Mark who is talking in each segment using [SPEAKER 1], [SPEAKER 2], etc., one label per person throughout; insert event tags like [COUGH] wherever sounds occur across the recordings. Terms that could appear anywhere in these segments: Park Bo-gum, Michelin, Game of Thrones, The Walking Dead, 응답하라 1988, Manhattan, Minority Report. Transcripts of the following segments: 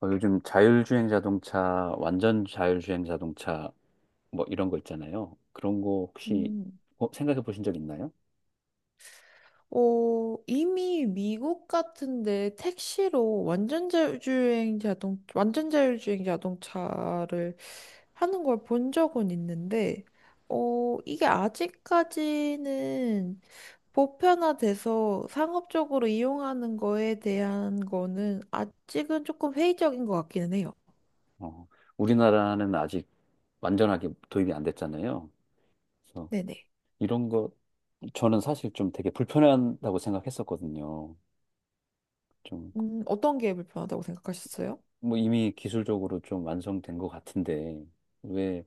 [SPEAKER 1] 요즘 자율주행 자동차, 완전 자율주행 자동차, 뭐 이런 거 있잖아요. 그런 거 혹시
[SPEAKER 2] 음.
[SPEAKER 1] 생각해 보신 적 있나요?
[SPEAKER 2] 이미 미국 같은데 택시로 완전 자율주행 자동차를 하는 걸 본 적은 있는데, 이게 아직까지는 보편화돼서 상업적으로 이용하는 거에 대한 거는 아직은 조금 회의적인 것 같기는 해요.
[SPEAKER 1] 어, 우리나라는 아직 완전하게 도입이 안 됐잖아요. 그래서
[SPEAKER 2] 네네.
[SPEAKER 1] 이런 거 저는 사실 좀 되게 불편하다고 생각했었거든요. 좀
[SPEAKER 2] 어떤 게 불편하다고 생각하셨어요?
[SPEAKER 1] 뭐 이미 기술적으로 좀 완성된 것 같은데 왜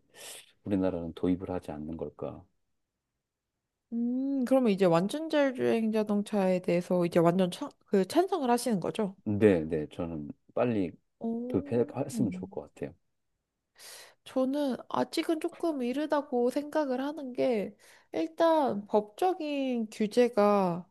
[SPEAKER 1] 우리나라는 도입을 하지 않는 걸까?
[SPEAKER 2] 그러면 이제 완전 자율주행 자동차에 대해서 이제 완전 찬, 그 찬성을 하시는 거죠?
[SPEAKER 1] 네, 네, 저는 빨리
[SPEAKER 2] 오,
[SPEAKER 1] 도입했으면 좋을 것 같아요.
[SPEAKER 2] 저는 아직은 조금 이르다고 생각을 하는 게 일단 법적인 규제가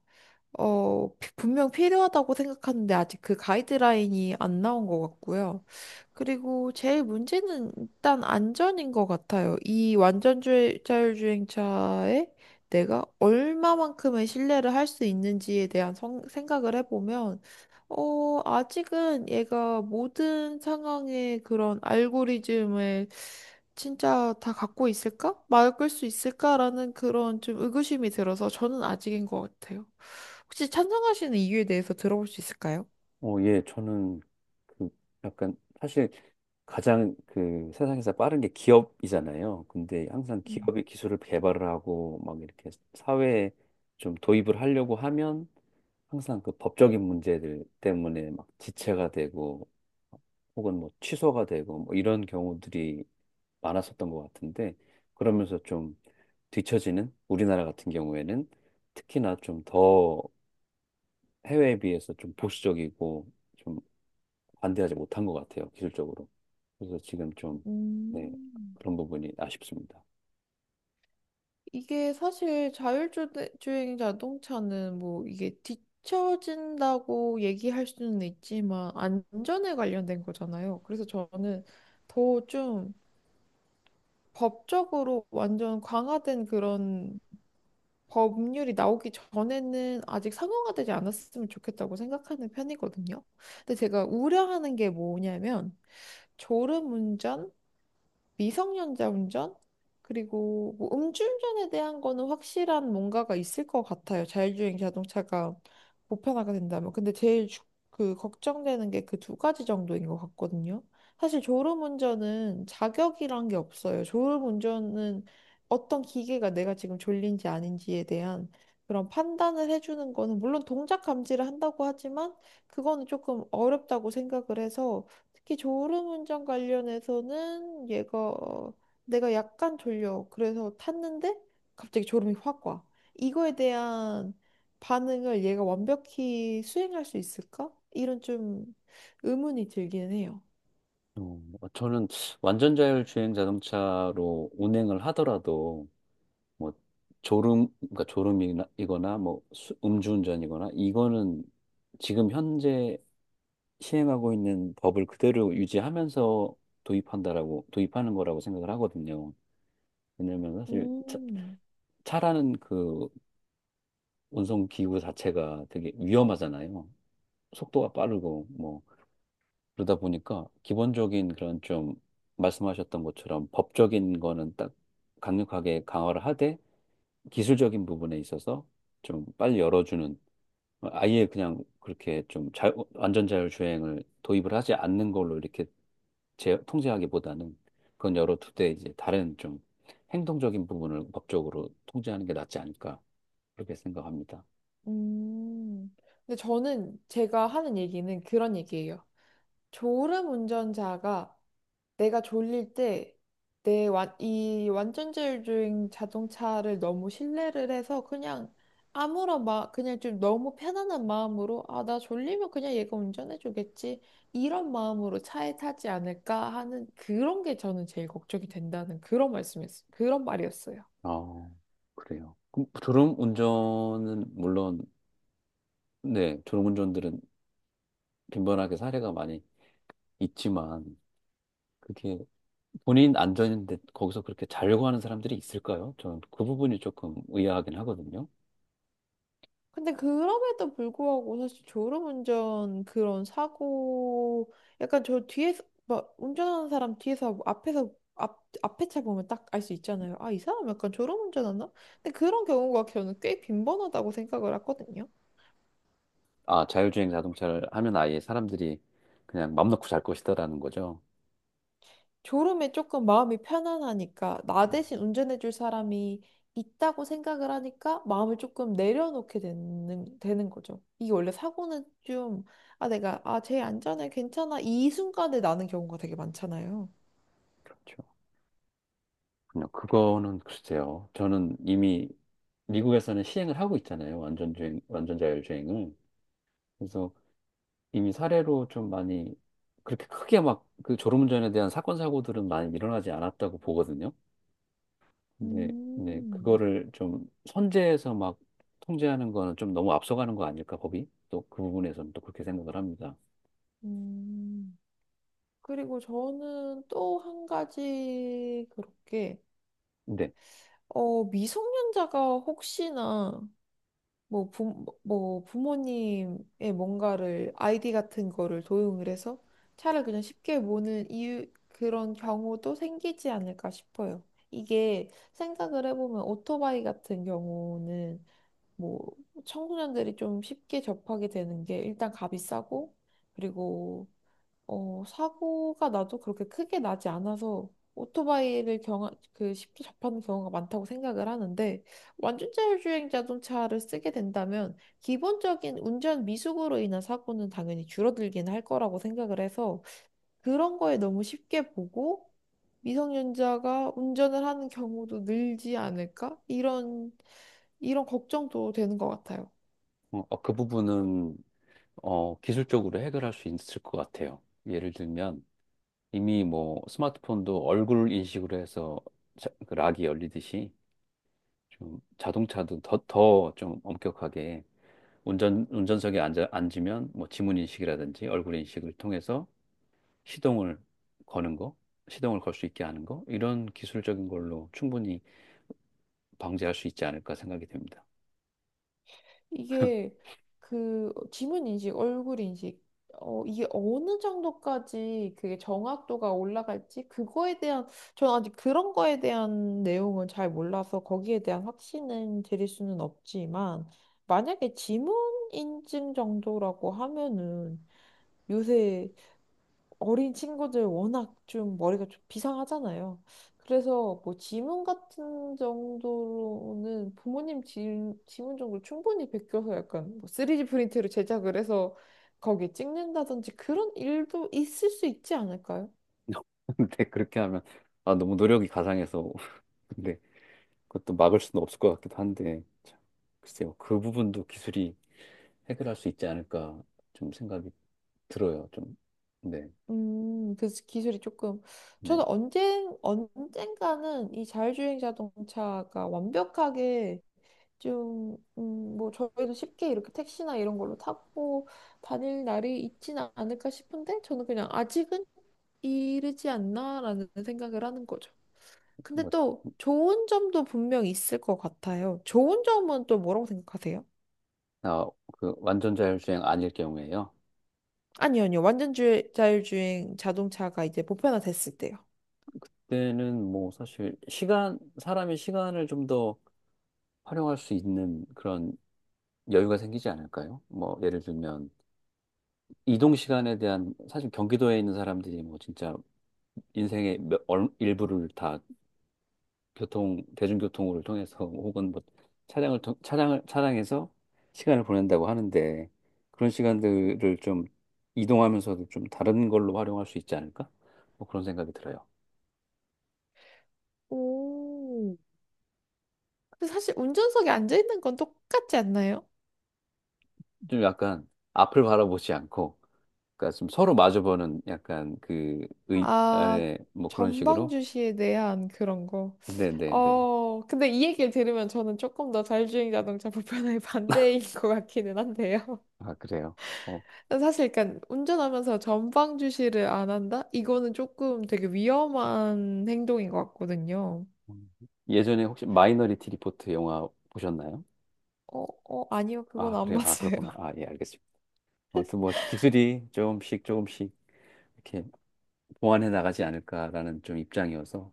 [SPEAKER 2] 분명 필요하다고 생각하는데 아직 그 가이드라인이 안 나온 것 같고요. 그리고 제일 문제는 일단 안전인 것 같아요. 이 완전자율주행차에 내가 얼마만큼의 신뢰를 할 수 있는지에 대한 생각을 해보면 아직은 얘가 모든 상황의 그런 알고리즘을 진짜 다 갖고 있을까? 막을 수 있을까라는 그런 좀 의구심이 들어서 저는 아직인 것 같아요. 혹시 찬성하시는 이유에 대해서 들어볼 수 있을까요?
[SPEAKER 1] 저는 그 약간 사실 가장 그 세상에서 빠른 게 기업이잖아요. 근데 항상
[SPEAKER 2] 음,
[SPEAKER 1] 기업이 기술을 개발을 하고 막 이렇게 사회에 좀 도입을 하려고 하면 항상 그 법적인 문제들 때문에 막 지체가 되고 혹은 뭐 취소가 되고 뭐 이런 경우들이 많았었던 것 같은데 그러면서 좀 뒤처지는 우리나라 같은 경우에는 특히나 좀 더 해외에 비해서 좀 보수적이고 반대하지 못한 것 같아요, 기술적으로. 그래서 지금 좀, 네,
[SPEAKER 2] 음,
[SPEAKER 1] 그런 부분이 아쉽습니다.
[SPEAKER 2] 이게 사실 자율주행 자동차는 뭐 이게 뒤처진다고 얘기할 수는 있지만 안전에 관련된 거잖아요. 그래서 저는 더좀 법적으로 완전 강화된 그런 법률이 나오기 전에는 아직 상용화되지 않았으면 좋겠다고 생각하는 편이거든요. 근데 제가 우려하는 게 뭐냐면 졸음운전, 미성년자 운전? 그리고 뭐 음주운전에 대한 거는 확실한 뭔가가 있을 것 같아요. 자율주행 자동차가 보편화가 된다면. 근데 제일 걱정되는 게 그 두 가지 정도인 것 같거든요. 사실 졸음운전은 자격이란 게 없어요. 졸음운전은 어떤 기계가 내가 지금 졸린지 아닌지에 대한 그런 판단을 해주는 거는 물론 동작 감지를 한다고 하지만 그거는 조금 어렵다고 생각을 해서 특히 졸음운전 관련해서는 얘가, 내가 약간 졸려. 그래서 탔는데 갑자기 졸음이 확 와. 이거에 대한 반응을 얘가 완벽히 수행할 수 있을까? 이런 좀 의문이 들기는 해요.
[SPEAKER 1] 어, 뭐 저는 완전 자율주행 자동차로 운행을 하더라도, 뭐, 졸음, 그러니까 졸음이거나, 뭐, 음주운전이거나, 이거는 지금 현재 시행하고 있는 법을 그대로 유지하면서 도입한다라고, 도입하는 거라고 생각을 하거든요. 왜냐면 사실 차,
[SPEAKER 2] 음,
[SPEAKER 1] 차라는 그 운송기구 자체가 되게 위험하잖아요. 속도가 빠르고 뭐 그러다 보니까 기본적인 그런 좀 말씀하셨던 것처럼 법적인 거는 딱 강력하게 강화를 하되 기술적인 부분에 있어서 좀 빨리 열어주는 아예 그냥 그렇게 좀 자, 완전 자율주행을 도입을 하지 않는 걸로 이렇게 제, 통제하기보다는 그건 열어두되 이제 다른 좀 행동적인 부분을 법적으로 통제하는 게 낫지 않을까 그렇게 생각합니다.
[SPEAKER 2] 음. 근데 저는 제가 하는 얘기는 그런 얘기예요. 졸음 운전자가 내가 졸릴 때 이 완전자율주행 자동차를 너무 신뢰를 해서 그냥 좀 너무 편안한 마음으로 아, 나 졸리면 그냥 얘가 운전해 주겠지. 이런 마음으로 차에 타지 않을까 하는 그런 게 저는 제일 걱정이 된다는 그런 말씀이었어요. 그런 말이었어요.
[SPEAKER 1] 아, 그래요. 그럼 졸음운전은 물론, 네, 졸음운전들은 빈번하게 사례가 많이 있지만, 그게 본인 안전인데 거기서 그렇게 자려고 하는 사람들이 있을까요? 저는 그 부분이 조금 의아하긴 하거든요.
[SPEAKER 2] 근데 그럼에도 불구하고 사실 졸음운전 그런 사고, 약간 저 뒤에서 막 운전하는 사람 뒤에서 앞에서 앞 앞에 차 보면 딱 알 수 있잖아요. 아, 이 사람 약간 졸음운전하나? 근데 그런 경우가 저는 꽤 빈번하다고 생각을 하거든요.
[SPEAKER 1] 아, 자율주행 자동차를 하면 아예 사람들이 그냥 맘 놓고 잘 것이다라는 거죠.
[SPEAKER 2] 졸음에 조금 마음이 편안하니까 나
[SPEAKER 1] 음,
[SPEAKER 2] 대신 운전해줄 사람이 있다고 생각을 하니까 마음을 조금 내려놓게 되는 거죠. 이게 원래 사고는 좀, 아, 내가, 아, 쟤 안전해, 괜찮아. 이 순간에 나는 경우가 되게 많잖아요.
[SPEAKER 1] 그렇죠. 그냥 그거는 글쎄요. 저는 이미 미국에서는 시행을 하고 있잖아요. 완전 주행, 완전 자율주행을. 그래서 이미 사례로 좀 많이 그렇게 크게 막 그 졸음운전에 대한 사건 사고들은 많이 일어나지 않았다고 보거든요. 근데 네,
[SPEAKER 2] 음,
[SPEAKER 1] 그거를 좀 선제해서 막 통제하는 거는 좀 너무 앞서가는 거 아닐까 법이? 또 그 부분에서는 또 그렇게 생각을 합니다.
[SPEAKER 2] 음. 그리고 저는 또 한 가지 그렇게,
[SPEAKER 1] 근데
[SPEAKER 2] 미성년자가 혹시나 뭐 부모님의 뭔가를 아이디 같은 거를 도용을 해서 차를 그냥 쉽게 모는 이유 그런 경우도 생기지 않을까 싶어요. 이게 생각을 해보면 오토바이 같은 경우는 뭐 청소년들이 좀 쉽게 접하게 되는 게 일단 값이 싸고 그리고 사고가 나도 그렇게 크게 나지 않아서 오토바이를 경하, 그 쉽게 접하는 경우가 많다고 생각을 하는데 완전 자율주행 자동차를 쓰게 된다면 기본적인 운전 미숙으로 인한 사고는 당연히 줄어들긴 할 거라고 생각을 해서 그런 거에 너무 쉽게 보고 미성년자가 운전을 하는 경우도 늘지 않을까? 이런 걱정도 되는 것 같아요.
[SPEAKER 1] 그 부분은 기술적으로 해결할 수 있을 것 같아요. 예를 들면 이미 뭐 스마트폰도 얼굴 인식으로 해서 그 락이 열리듯이 좀 자동차도 더 좀 엄격하게 운전, 운전석에 앉으면 뭐 지문 인식이라든지 얼굴 인식을 통해서 시동을 거는 거, 시동을 걸 수 있게 하는 거, 이런 기술적인 걸로 충분히 방지할 수 있지 않을까 생각이 됩니다.
[SPEAKER 2] 이게 그 지문 인식, 얼굴 인식, 이게 어느 정도까지 그게 정확도가 올라갈지, 그거에 대한, 저는 아직 그런 거에 대한 내용은 잘 몰라서 거기에 대한 확신은 드릴 수는 없지만, 만약에 지문 인증 정도라고 하면은 요새 어린 친구들 워낙 좀 머리가 좀 비상하잖아요. 그래서 뭐 지문 같은 정도로는 지문 정도로 충분히 베껴서 약간 뭐 3D 프린트로 제작을 해서 거기에 찍는다든지 그런 일도 있을 수 있지 않을까요?
[SPEAKER 1] [LAUGHS] 근데 그렇게 하면, 아, 너무 노력이 가상해서, [LAUGHS] 근데 그것도 막을 수는 없을 것 같기도 한데, 참, 글쎄요. 그 부분도 기술이 해결할 수 있지 않을까 좀 생각이 들어요. 좀, 네,
[SPEAKER 2] 그래서 기술이 조금,
[SPEAKER 1] 네.
[SPEAKER 2] 저는 언젠가는 이 자율주행 자동차가 완벽하게 좀, 뭐, 저희도 쉽게 이렇게 택시나 이런 걸로 타고 다닐 날이 있지는 않을까 싶은데, 저는 그냥 아직은 이르지 않나라는 생각을 하는 거죠. 근데
[SPEAKER 1] 뭐,
[SPEAKER 2] 또 좋은 점도 분명 있을 것 같아요. 좋은 점은 또 뭐라고 생각하세요?
[SPEAKER 1] 아, 그 완전 자율주행 아닐 경우에요.
[SPEAKER 2] 아니요, 아니요. 자율주행 자동차가 이제 보편화됐을 때요.
[SPEAKER 1] 때는 뭐 사실 시간, 사람이 시간을 좀 더 활용할 수 있는 그런 여유가 생기지 않을까요? 뭐 예를 들면 이동 시간에 대한 사실 경기도에 있는 사람들이 뭐 진짜 인생의 몇, 일부를 다 교통, 대중교통을 통해서 [LAUGHS] 혹은 뭐 차량을 통, 차량을, 차량에서 시간을 보낸다고 하는데 그런 시간들을 좀 이동하면서도 좀 다른 걸로 활용할 수 있지 않을까? 뭐 그런 생각이 들어요.
[SPEAKER 2] 오. 근데 사실 운전석에 앉아 있는 건 똑같지 않나요?
[SPEAKER 1] 좀 약간 앞을 바라보지 않고 그러니까 좀 서로 마주보는 약간 그 의, 아,
[SPEAKER 2] 아,
[SPEAKER 1] 네, 뭐 그런
[SPEAKER 2] 전방
[SPEAKER 1] 식으로?
[SPEAKER 2] 주시에 대한 그런 거.
[SPEAKER 1] 네네네.
[SPEAKER 2] 근데 이 얘기를 들으면 저는 조금 더 자율주행 자동차 보편화의 [LAUGHS] 반대인 것 같기는 한데요.
[SPEAKER 1] 아, 그래요. 어.
[SPEAKER 2] [LAUGHS] 사실 그러니까 운전하면서 전방 주시를 안 한다? 이거는 조금 되게 위험한 행동인 것 같거든요.
[SPEAKER 1] 음. 예전에 혹시 마이너리티 리포트 영화 보셨나요?
[SPEAKER 2] 아니요. 그건
[SPEAKER 1] 아,
[SPEAKER 2] 안
[SPEAKER 1] 그래요. 아,
[SPEAKER 2] 봤어요.
[SPEAKER 1] 그렇구나.
[SPEAKER 2] [LAUGHS]
[SPEAKER 1] 아, 예, 알겠습니다. 아무튼 뭐 기술이 조금씩 조금씩 이렇게 보완해 나가지 않을까라는 좀 입장이어서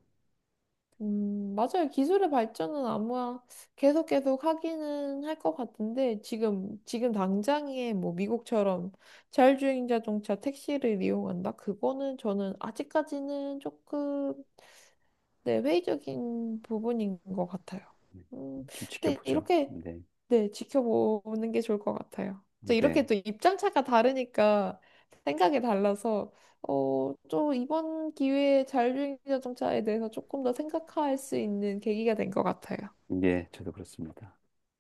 [SPEAKER 2] 맞아요. 기술의 발전은 아마 계속 계속 하기는 할 것 같은데 지금 당장에 뭐 미국처럼 자율주행 자동차 택시를 이용한다? 그거는 저는 아직까지는 조금, 네, 회의적인 부분인 것 같아요. 음,
[SPEAKER 1] 좀
[SPEAKER 2] 근데
[SPEAKER 1] 지켜보죠.
[SPEAKER 2] 이렇게,
[SPEAKER 1] 네.
[SPEAKER 2] 네, 지켜보는 게 좋을 것 같아요. 또
[SPEAKER 1] 네.
[SPEAKER 2] 이렇게 또 입장 차가 다르니까 생각이 달라서, 또 이번 기회에 자율주행 자동차에 대해서 조금 더 생각할 수 있는 계기가 된 것 같아요.
[SPEAKER 1] 네, 저도 그렇습니다.